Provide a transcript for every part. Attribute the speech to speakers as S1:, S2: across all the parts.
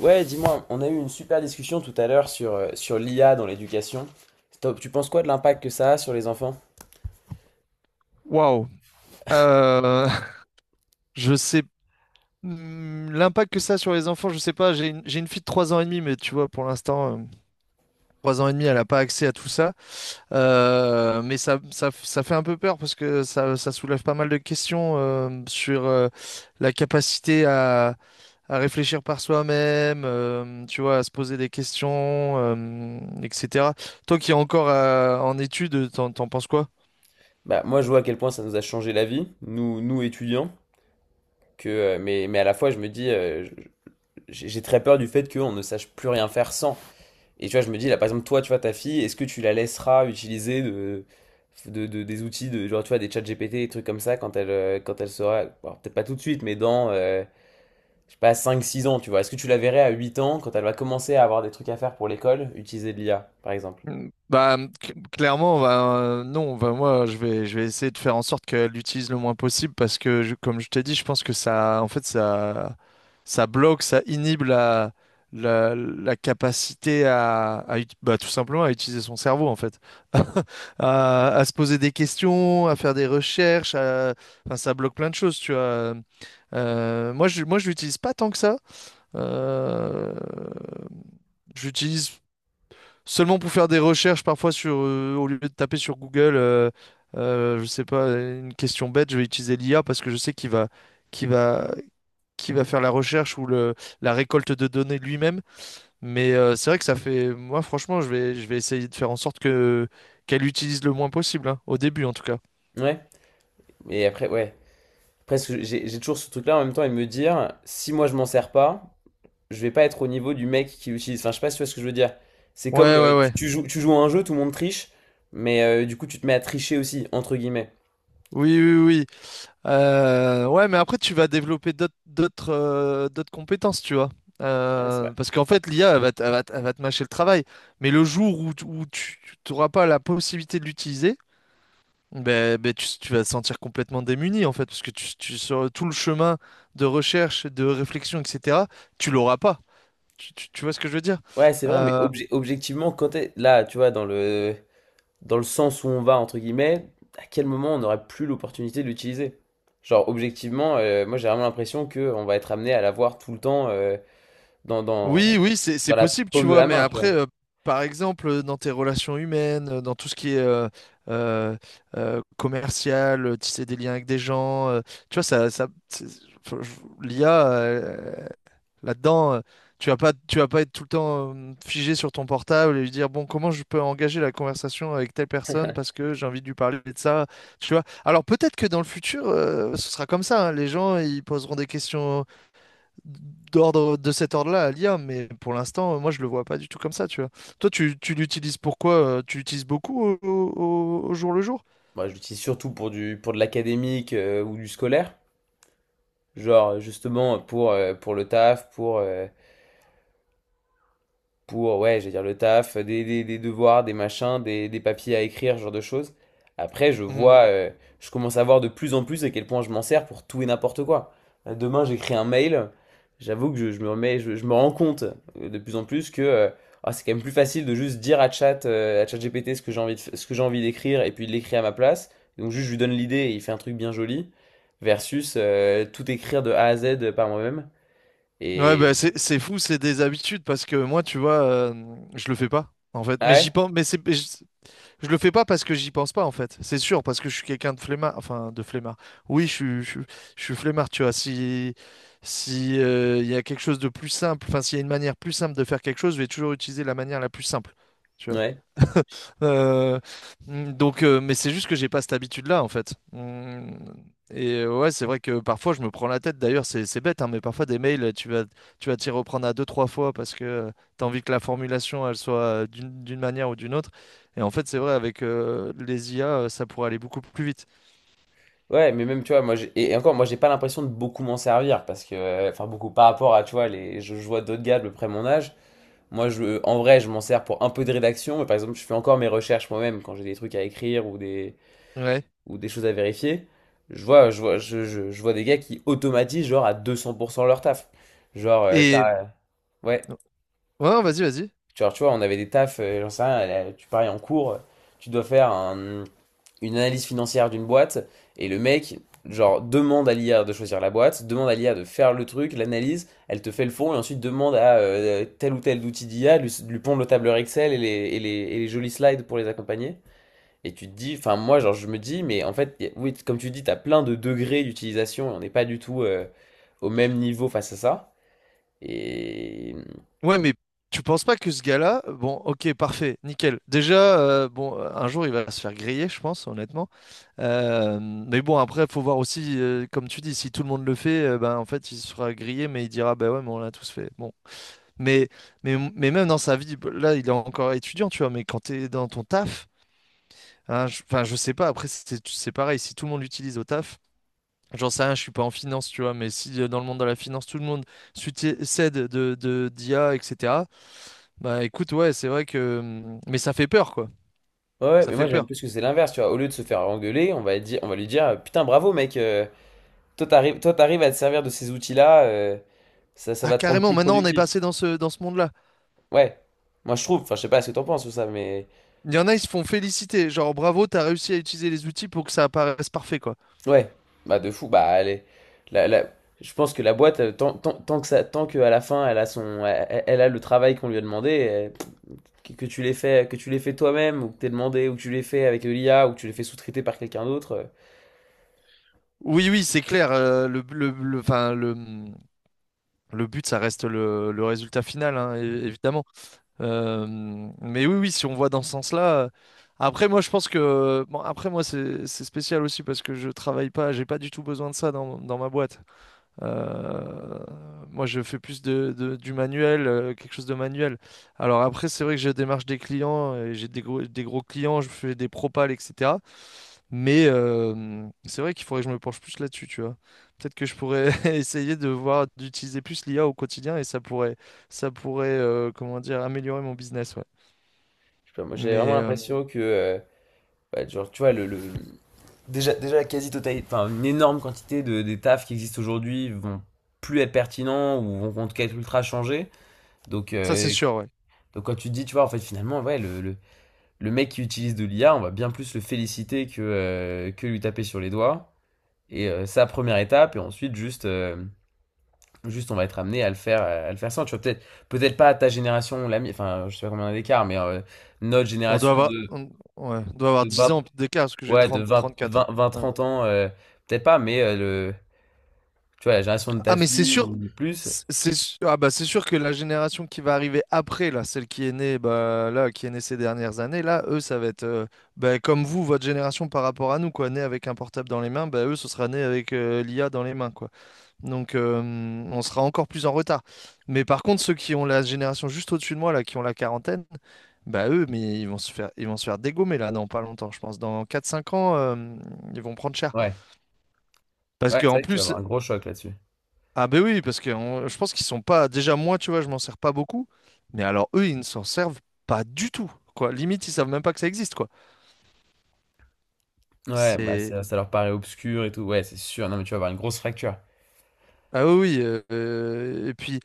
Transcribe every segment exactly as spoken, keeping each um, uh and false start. S1: Ouais, dis-moi, on a eu une super discussion tout à l'heure sur, euh, sur l'I A dans l'éducation. Stop, tu penses quoi de l'impact que ça a sur les enfants?
S2: Waouh. Euh, je sais hmm, l'impact que ça a sur les enfants, je sais pas. J'ai une, j'ai une fille de trois ans et demi, mais tu vois, pour l'instant, euh, trois ans et demi, elle n'a pas accès à tout ça. Euh, mais ça, ça, ça fait un peu peur parce que ça, ça soulève pas mal de questions euh, sur euh, la capacité à, à réfléchir par soi-même, euh, tu vois, à se poser des questions, euh, et cetera. Toi qui es encore euh, en études, t'en, t'en penses quoi?
S1: Bah, moi, je vois à quel point ça nous a changé la vie, nous, nous étudiants, que, euh, mais, mais à la fois, je me dis, euh, je- j'ai j'ai très peur du fait qu'on ne sache plus rien faire sans. Et tu vois, je me dis, là, par exemple, toi, tu vois, ta fille, est-ce que tu la laisseras utiliser de, de, de- des outils, de, genre, tu vois, des chats G P T, des trucs comme ça, quand elle, euh, quand elle sera, bon, peut-être pas tout de suite, mais dans euh, je sais pas, cinq six ans, tu vois. Est-ce que tu la verrais à huit ans quand elle va commencer à avoir des trucs à faire pour l'école, utiliser de l'I A, par exemple?
S2: Mm. Bah, mmh, cl- clairement, bah, euh, non, bah, moi, je vais, je vais essayer de faire en sorte qu'elle l'utilise le moins possible parce que, je- comme je t'ai dit, je pense que ça, en fait, ça, ça bloque, ça inhibe la, la, la capacité à, à ut- bah, tout simplement à utiliser son cerveau, en fait, à, à se poser des questions, à faire des recherches, à- enfin, ça bloque plein de choses, tu vois. Euh, moi, je, moi, je l'utilise pas tant que ça. Euh, J'utilise seulement pour faire des recherches parfois sur, euh, au lieu de taper sur Google, euh, euh, je sais pas, une question bête, je vais utiliser l'I A parce que je sais qu'il va, qu'il va, qu'il va faire la recherche ou le, la récolte de données lui-même. Mais euh, c'est vrai que ça fait, moi franchement, je vais, je vais essayer de faire en sorte que qu'elle utilise le moins possible, hein, au début en tout cas.
S1: Ouais. Et après, ouais. Après, ce j'ai j'ai toujours ce truc-là en même temps et de me dire, si moi je m'en sers pas, je vais pas être au niveau du mec qui l'utilise. Enfin, je sais pas si tu vois ce que je veux dire. C'est comme
S2: Ouais,
S1: euh,
S2: ouais,
S1: tu,
S2: ouais.
S1: tu joues, tu joues à un jeu, tout le monde triche, mais euh, du coup tu te mets à tricher aussi, entre guillemets.
S2: Oui, oui, oui. Euh, ouais, mais après, tu vas développer d'autres d'autres euh, d'autres compétences, tu vois.
S1: Ouais, c'est vrai.
S2: Euh, parce qu'en fait, l'I A, elle va, te- elle va, te elle va te mâcher le travail. Mais le jour où, tu- où tu n'auras pas la possibilité de l'utiliser, ben, ben, tu, tu vas te sentir complètement démuni, en fait, parce que tu, tu- sur tout le chemin de recherche, de réflexion, et cetera, tu l'auras pas. Tu, tu- tu vois ce que je veux dire?
S1: Ouais, c'est vrai, mais
S2: Euh,
S1: obje- objectivement, quand t'es là, tu vois, dans le dans le sens où on va, entre guillemets, à quel moment on n'aurait plus l'opportunité de l'utiliser? Genre, objectivement, euh, moi j'ai vraiment l'impression qu'on va être amené à l'avoir tout le temps euh, dans,
S2: Oui,
S1: dans,
S2: oui, c'est c'est
S1: dans la
S2: possible, tu
S1: paume de
S2: vois,
S1: la
S2: mais
S1: main, tu
S2: après,
S1: vois.
S2: euh, par exemple, euh, dans tes relations humaines, euh, dans tout ce qui est euh, euh, euh, commercial, euh, tisser des liens avec des gens, euh, tu vois, ça, ça, c'est- faut- je- l'I A, euh, là-dedans, euh, tu vas pas, tu vas pas être tout le temps euh, figé sur ton portable et lui dire, bon, comment je peux engager la conversation avec telle personne parce que j'ai envie de lui parler de ça, tu vois. Alors peut-être que dans le futur, euh, ce sera comme ça, hein, les gens, ils poseront des questions d'ordre de cet ordre-là à l'I A, mais pour l'instant, euh, moi, je le vois pas du tout comme ça, tu vois. Toi, tu, tu l'utilises pourquoi? euh, Tu l'utilises beaucoup au, au- au jour le jour?
S1: Moi je l'utilise surtout pour du, pour de l'académique euh, ou du scolaire. Genre, justement, pour, euh, pour le taf, pour, euh, pour, ouais, je vais dire le taf, des, des- des devoirs, des machins, des, des papiers à écrire, ce genre de choses. Après, je
S2: Mhm.
S1: vois, euh, je commence à voir de plus en plus à quel point je m'en sers pour tout et n'importe quoi. Euh, Demain, j'écris un mail, j'avoue que je, je me remets, je, je me rends compte euh, de plus en plus que euh, ah, c'est quand même plus facile de juste dire à chat, euh, à ChatGPT ce que j'ai envie de, f- ce que j'ai envie d'écrire et puis de l'écrire à ma place. Donc juste, je lui donne l'idée et il fait un truc bien joli, versus euh, tout écrire de A à Z par moi-même.
S2: Ouais,
S1: Et...
S2: bah, c'est, c'est fou, c'est des habitudes parce que moi, tu vois, euh, je le fais pas, en fait.
S1: Ah
S2: Mais j'y
S1: ouais?
S2: pense, mais c'est, mais je, je le fais pas parce que j'y pense pas, en fait. C'est sûr, parce que je suis quelqu'un de flemmard, enfin, de flemmard. Oui, je suis, je, suis je suis flemmard, tu vois. Si, si, euh, il y a quelque chose de plus simple, enfin, s'il y a une manière plus simple de faire quelque chose, je vais toujours utiliser la manière la plus simple, tu vois.
S1: Ouais.
S2: Euh, mm, donc, euh, mais c'est juste que j'ai pas cette habitude-là, en fait. Mm, Et euh, ouais, c'est vrai que parfois je me prends la tête. D'ailleurs, c'est c'est bête, hein, mais parfois des mails, tu vas tu vas t'y reprendre à deux, trois fois parce que tu as envie que la formulation, elle soit euh, d'une d'une manière ou d'une autre. Et en fait, c'est vrai, avec euh, les I A, euh, ça pourrait aller beaucoup plus vite.
S1: Ouais, mais même, tu vois, moi, j'ai- et et encore, moi, j'ai pas l'impression de beaucoup m'en servir parce que, euh, enfin, beaucoup par rapport à, tu vois, les, je, je vois d'autres gars de peu près mon âge. Moi, je, en vrai, je m'en sers pour un peu de rédaction, mais par exemple, je fais encore mes recherches moi-même quand j'ai des trucs à écrire ou des,
S2: Ouais.
S1: ou des choses à vérifier. Je vois, je vois, je, je, je vois des gars qui automatisent, genre, à deux cents pour cent leur taf. Genre, euh,
S2: Et
S1: t'as- ouais,
S2: ouais, vas-y, vas-y.
S1: genre, tu vois, on avait des tafs, euh, j'en sais rien, euh, tu paries en cours, tu dois faire un, une analyse financière d'une boîte et le mec, genre, demande à l'I A de choisir la boîte, demande à l'I A de faire le truc, l'analyse, elle te fait le fond et ensuite demande à euh, tel ou tel outil d'I A, lui, lui pondre le tableur Excel et les, et les, et les jolis slides pour les accompagner. Et tu te dis, enfin, moi, genre, je me dis, mais en fait, y a- oui, comme tu dis, t'as plein de degrés d'utilisation et on n'est pas du tout euh, au même niveau face à ça. Et.
S2: Ouais, mais tu penses pas que ce gars-là, bon, ok, parfait, nickel. Déjà, euh, bon, un jour il va se faire griller, je pense, honnêtement. Euh, mais bon, après, faut voir aussi, euh, comme tu dis, si tout le monde le fait, euh, ben en fait, il sera grillé, mais il dira, ben ouais, mais on l'a tous fait. Bon, mais, mais, mais même dans sa vie, là, il est encore étudiant, tu vois. Mais quand t'es dans ton taf, hein, je- enfin, je sais pas. Après, c'est c'est pareil. Si tout le monde l'utilise au taf. J'en sais rien, je suis pas en finance, tu vois, mais si euh, dans le monde de la finance, tout le monde s'uti- s'aide de, de, d'I A, et cetera. Bah écoute, ouais, c'est vrai que. hum, Mais ça fait peur, quoi.
S1: Ouais, ouais,
S2: Ça
S1: mais
S2: fait
S1: moi j'aime
S2: peur.
S1: plus que c'est l'inverse, tu vois. Au lieu de se faire engueuler, on va dire, on va lui dire, putain, bravo mec, euh, Toi, t'arrives, toi, t'arrives à te servir de ces outils-là, euh, ça, ça
S2: Ah,
S1: va te rendre
S2: carrément,
S1: plus
S2: maintenant on est
S1: productif.
S2: passé dans ce, dans ce monde-là.
S1: Ouais. Moi, je trouve, enfin, je sais pas ce que t'en penses ou ça, mais
S2: Il y en a, ils se font féliciter. Genre, bravo, t'as réussi à utiliser les outils pour que ça apparaisse parfait, quoi.
S1: ouais. Bah, de fou. Bah, allez. La, la- Je pense que la boîte, euh, tant, tant, tant que ça, tant qu'à la fin, elle a son, elle, elle- elle a le travail qu'on lui a demandé, euh, que, que tu l'aies fait, que tu l'aies fait toi-même, ou que t'aies demandé, ou que tu l'aies fait avec de l'I A, ou que tu l'aies fait sous-traiter par quelqu'un d'autre. Euh,
S2: Oui, oui, c'est clair. Euh, le, le, le, enfin, le, hmm, le but, ça reste le, le résultat final, hein, é- évidemment. Euh, hmm, mais oui, oui, si on voit dans ce sens-là. euh, Après, moi, je pense que. Bon, après, moi, c'est c'est spécial aussi parce que je travaille pas, j'ai pas du tout besoin de ça dans, dans ma boîte. Euh, Moi, je fais plus de, de- du manuel, euh, quelque chose de manuel. Alors après, c'est vrai que je démarche des clients, et j'ai des gros, des gros clients, je fais des propals, et cetera. Mais euh, c'est vrai qu'il faudrait que je me penche plus là-dessus, tu vois. Peut-être que je pourrais essayer de voir d'utiliser plus l'I A au quotidien et ça pourrait, ça pourrait, euh, comment dire, améliorer mon business, ouais.
S1: je sais pas, moi, j'ai vraiment
S2: Mais euh,
S1: l'impression que, euh, bah, genre, tu vois, le, le- déjà, déjà la quasi-totalité, enfin une énorme quantité de, des tafs qui existent aujourd'hui vont plus être pertinents ou vont en tout cas être ultra changés. Donc,
S2: ça,
S1: euh,
S2: c'est sûr, ouais.
S1: donc quand tu te dis, tu vois, en fait finalement, ouais, le, le, le mec qui utilise de l'I A, on va bien plus le féliciter que, euh, que lui taper sur les doigts. Et euh, c'est la première étape, et ensuite juste... euh, Juste, on va être amené à le faire, à le faire sans. Tu vois, peut-être, peut-être pas à ta génération, la mi- enfin, je sais pas combien on a d'écart, mais euh, notre
S2: On doit
S1: génération
S2: avoir,
S1: de,
S2: on, Ouais, on doit avoir
S1: de
S2: dix
S1: vingt,
S2: ans d'écart parce que j'ai
S1: ouais, de
S2: trente,
S1: vingt vingt
S2: trente-quatre.
S1: vingt
S2: Ouais.
S1: trente ans, euh, peut-être pas, mais euh, tu vois, la génération de ta
S2: Ah, mais c'est
S1: fille
S2: sûr,
S1: ou plus,
S2: c'est c'est ah bah c'est sûr que la génération qui va arriver après, là, celle qui est née, bah, là, qui est née ces dernières années, là, eux, ça va être euh, bah, comme vous, votre génération par rapport à nous, quoi, née avec un portable dans les mains, bah, eux, ce sera né avec euh, l'I A dans les mains, quoi. Donc, euh, on sera encore plus en retard. Mais par contre, ceux qui ont la génération juste au-dessus de moi, là, qui ont la quarantaine, bah, eux, mais ils vont se faire, ils vont se faire dégommer, là, dans pas longtemps, je pense. Dans quatre cinq ans, euh, ils vont prendre cher.
S1: ouais,
S2: Parce
S1: ouais, c'est
S2: qu'en
S1: vrai que tu vas
S2: plus,
S1: avoir un gros choc là-dessus.
S2: ah ben oui, parce que on- je pense qu'ils sont pas. Déjà moi, tu vois, je m'en sers pas beaucoup. Mais alors eux, ils ne s'en servent pas du tout. Quoi. Limite, ils savent même pas que ça existe, quoi.
S1: Ouais, bah
S2: C'est.
S1: ça, ça leur paraît obscur et tout. Ouais, c'est sûr. Non, mais tu vas avoir une grosse fracture.
S2: Ah oui, oui, euh, euh, et puis,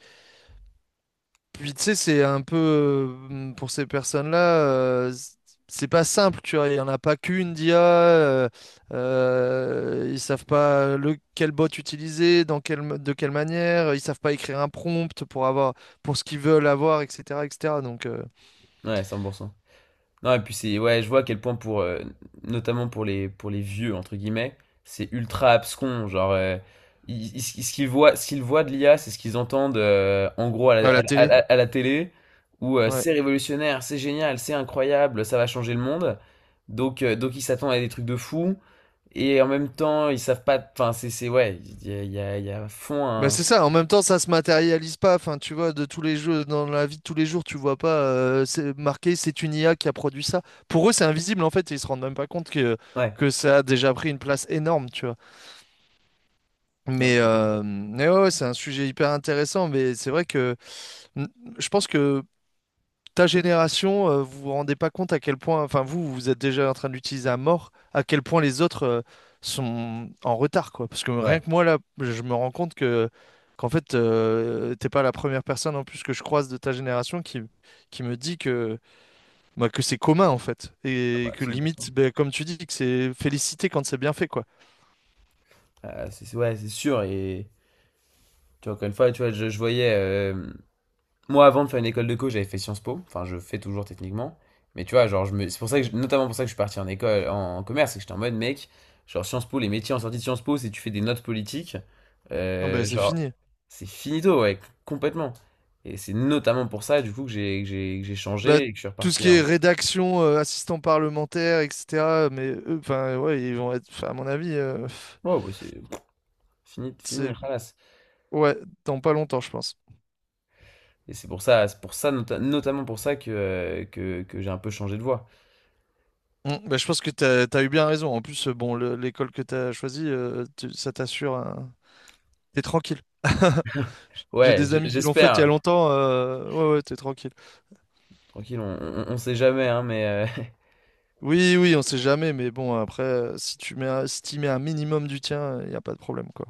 S2: puis tu sais, c'est un peu euh, pour ces personnes-là, euh, c- c'est pas simple, tu vois. Il y en a pas qu'une d'I A. Euh, euh, ils savent pas le quel bot utiliser, dans quelle ma- de quelle manière. Ils savent pas écrire un prompt pour avoir pour ce qu'ils veulent avoir, et cetera, et cetera. Donc euh,
S1: Ouais, cent pour cent. Non, et puis c'est ouais, je vois à quel point pour euh, notamment pour les pour les vieux entre guillemets, c'est ultra abscon, genre euh, ils- ils- ce qu'ils voient ce qu'ils voient de l'I A, c'est ce qu'ils entendent euh, en gros à la,
S2: à
S1: à
S2: la
S1: la- à
S2: télé.
S1: la- à la télé où euh,
S2: Ouais.
S1: c'est révolutionnaire, c'est génial, c'est incroyable, ça va changer le monde. Donc euh, donc ils s'attendent à des trucs de fou. Et en même temps, ils savent pas. Enfin, c'est, c'est, ouais, il y a, il y a, il y a à fond
S2: Bah
S1: un.
S2: c'est ça, en même temps ça se matérialise pas, enfin tu vois, de tous les jeux, dans la vie de tous les jours, tu vois pas euh, c'est marqué c'est une I A qui a produit ça. Pour eux c'est invisible en fait, et ils se rendent même pas compte que,
S1: Ouais,
S2: que ça a déjà pris une place énorme, tu vois.
S1: non,
S2: Mais,
S1: complètement.
S2: euh, mais ouais, ouais, c'est un sujet hyper intéressant, mais c'est vrai que mm, je pense que ta génération, euh, vous vous rendez pas compte à quel point, enfin vous, vous êtes déjà en train d'utiliser l'utiliser à mort, à quel point les autres euh, sont en retard, quoi. Parce que
S1: Ouais,
S2: rien que moi là, je me rends compte que qu'en fait, euh, t'es pas la première personne en plus que je croise de ta génération qui qui me dit que bah, que c'est commun en fait
S1: ah
S2: et
S1: bah,
S2: que
S1: cent pour cent.
S2: limite, bah, comme tu dis, que c'est félicité quand c'est bien fait, quoi.
S1: Euh, c'est, c'est- ouais, c'est sûr. Et tu vois, encore une fois, tu vois, je, je voyais. euh, Moi, avant de faire une école de co, j'avais fait Sciences Po. Enfin, je fais toujours techniquement. Mais tu vois, genre, je me... c'est pour ça que je- notamment pour ça que je suis parti en école, en, en commerce, c'est que j'étais en mode, mec, genre, Sciences Po, les métiers en sortie de Sciences Po, si tu fais des notes politiques,
S2: Non, bah,
S1: euh,
S2: c'est
S1: genre,
S2: fini.
S1: c'est finito, ouais, complètement. Et c'est notamment pour ça, du coup, que j'ai que j'ai que j'ai
S2: Bah,
S1: changé et que je suis
S2: tout ce
S1: reparti.
S2: qui est rédaction, euh, assistant parlementaire, et cetera. Mais eux, enfin, ouais, ils vont être, 'fin, à mon avis. euh,
S1: Ouais, bah, c'est fini, fini,
S2: c'est-
S1: halas.
S2: Ouais, dans pas longtemps, je pense.
S1: Et c'est pour ça, c'est pour ça, nota- notamment pour ça que, euh, que, que j'ai un peu changé de voix.
S2: Mm, bah, je pense que t'as, t'as eu bien raison. En plus, euh, bon, le- l'école que t'as choisie, euh, tu- ça t'assure un... T'es tranquille. J'ai
S1: Ouais,
S2: des
S1: j-
S2: amis qui l'ont faite il y a
S1: j'espère.
S2: longtemps. euh, Ouais, ouais, t'es tranquille.
S1: Tranquille, on, on, on sait jamais, hein, mais euh,
S2: Oui, oui, on sait jamais, mais bon, après, euh, si tu mets, un- si t'y mets un minimum du tien, il n'y a pas de problème, quoi.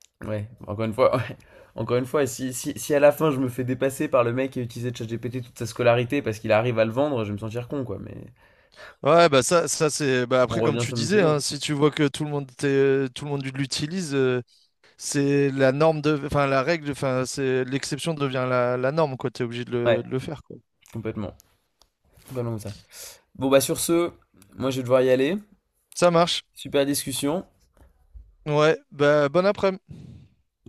S1: ouais, encore une fois, ouais. Encore une fois, si, si, si à la fin je me fais dépasser par le mec qui a utilisé ChatGPT toute sa scolarité parce qu'il arrive à le vendre, je vais me sentir con, quoi. Mais
S2: Ouais, bah ça, ça c'est. Bah
S1: on
S2: après, comme
S1: revient
S2: tu
S1: sur le
S2: disais,
S1: sujet. hein.
S2: hein, si tu vois que tout le monde t'est- tout le monde l'utilise, euh, c'est la norme de, enfin la règle, enfin c'est l'exception devient la, la norme, quoi. T'es obligé de le,
S1: Ouais,
S2: de le faire, quoi.
S1: complètement. Complètement comme ça. Bon, bah sur ce, moi je vais devoir y aller.
S2: Ça marche.
S1: Super discussion.
S2: Ouais, bah, bon après-midi.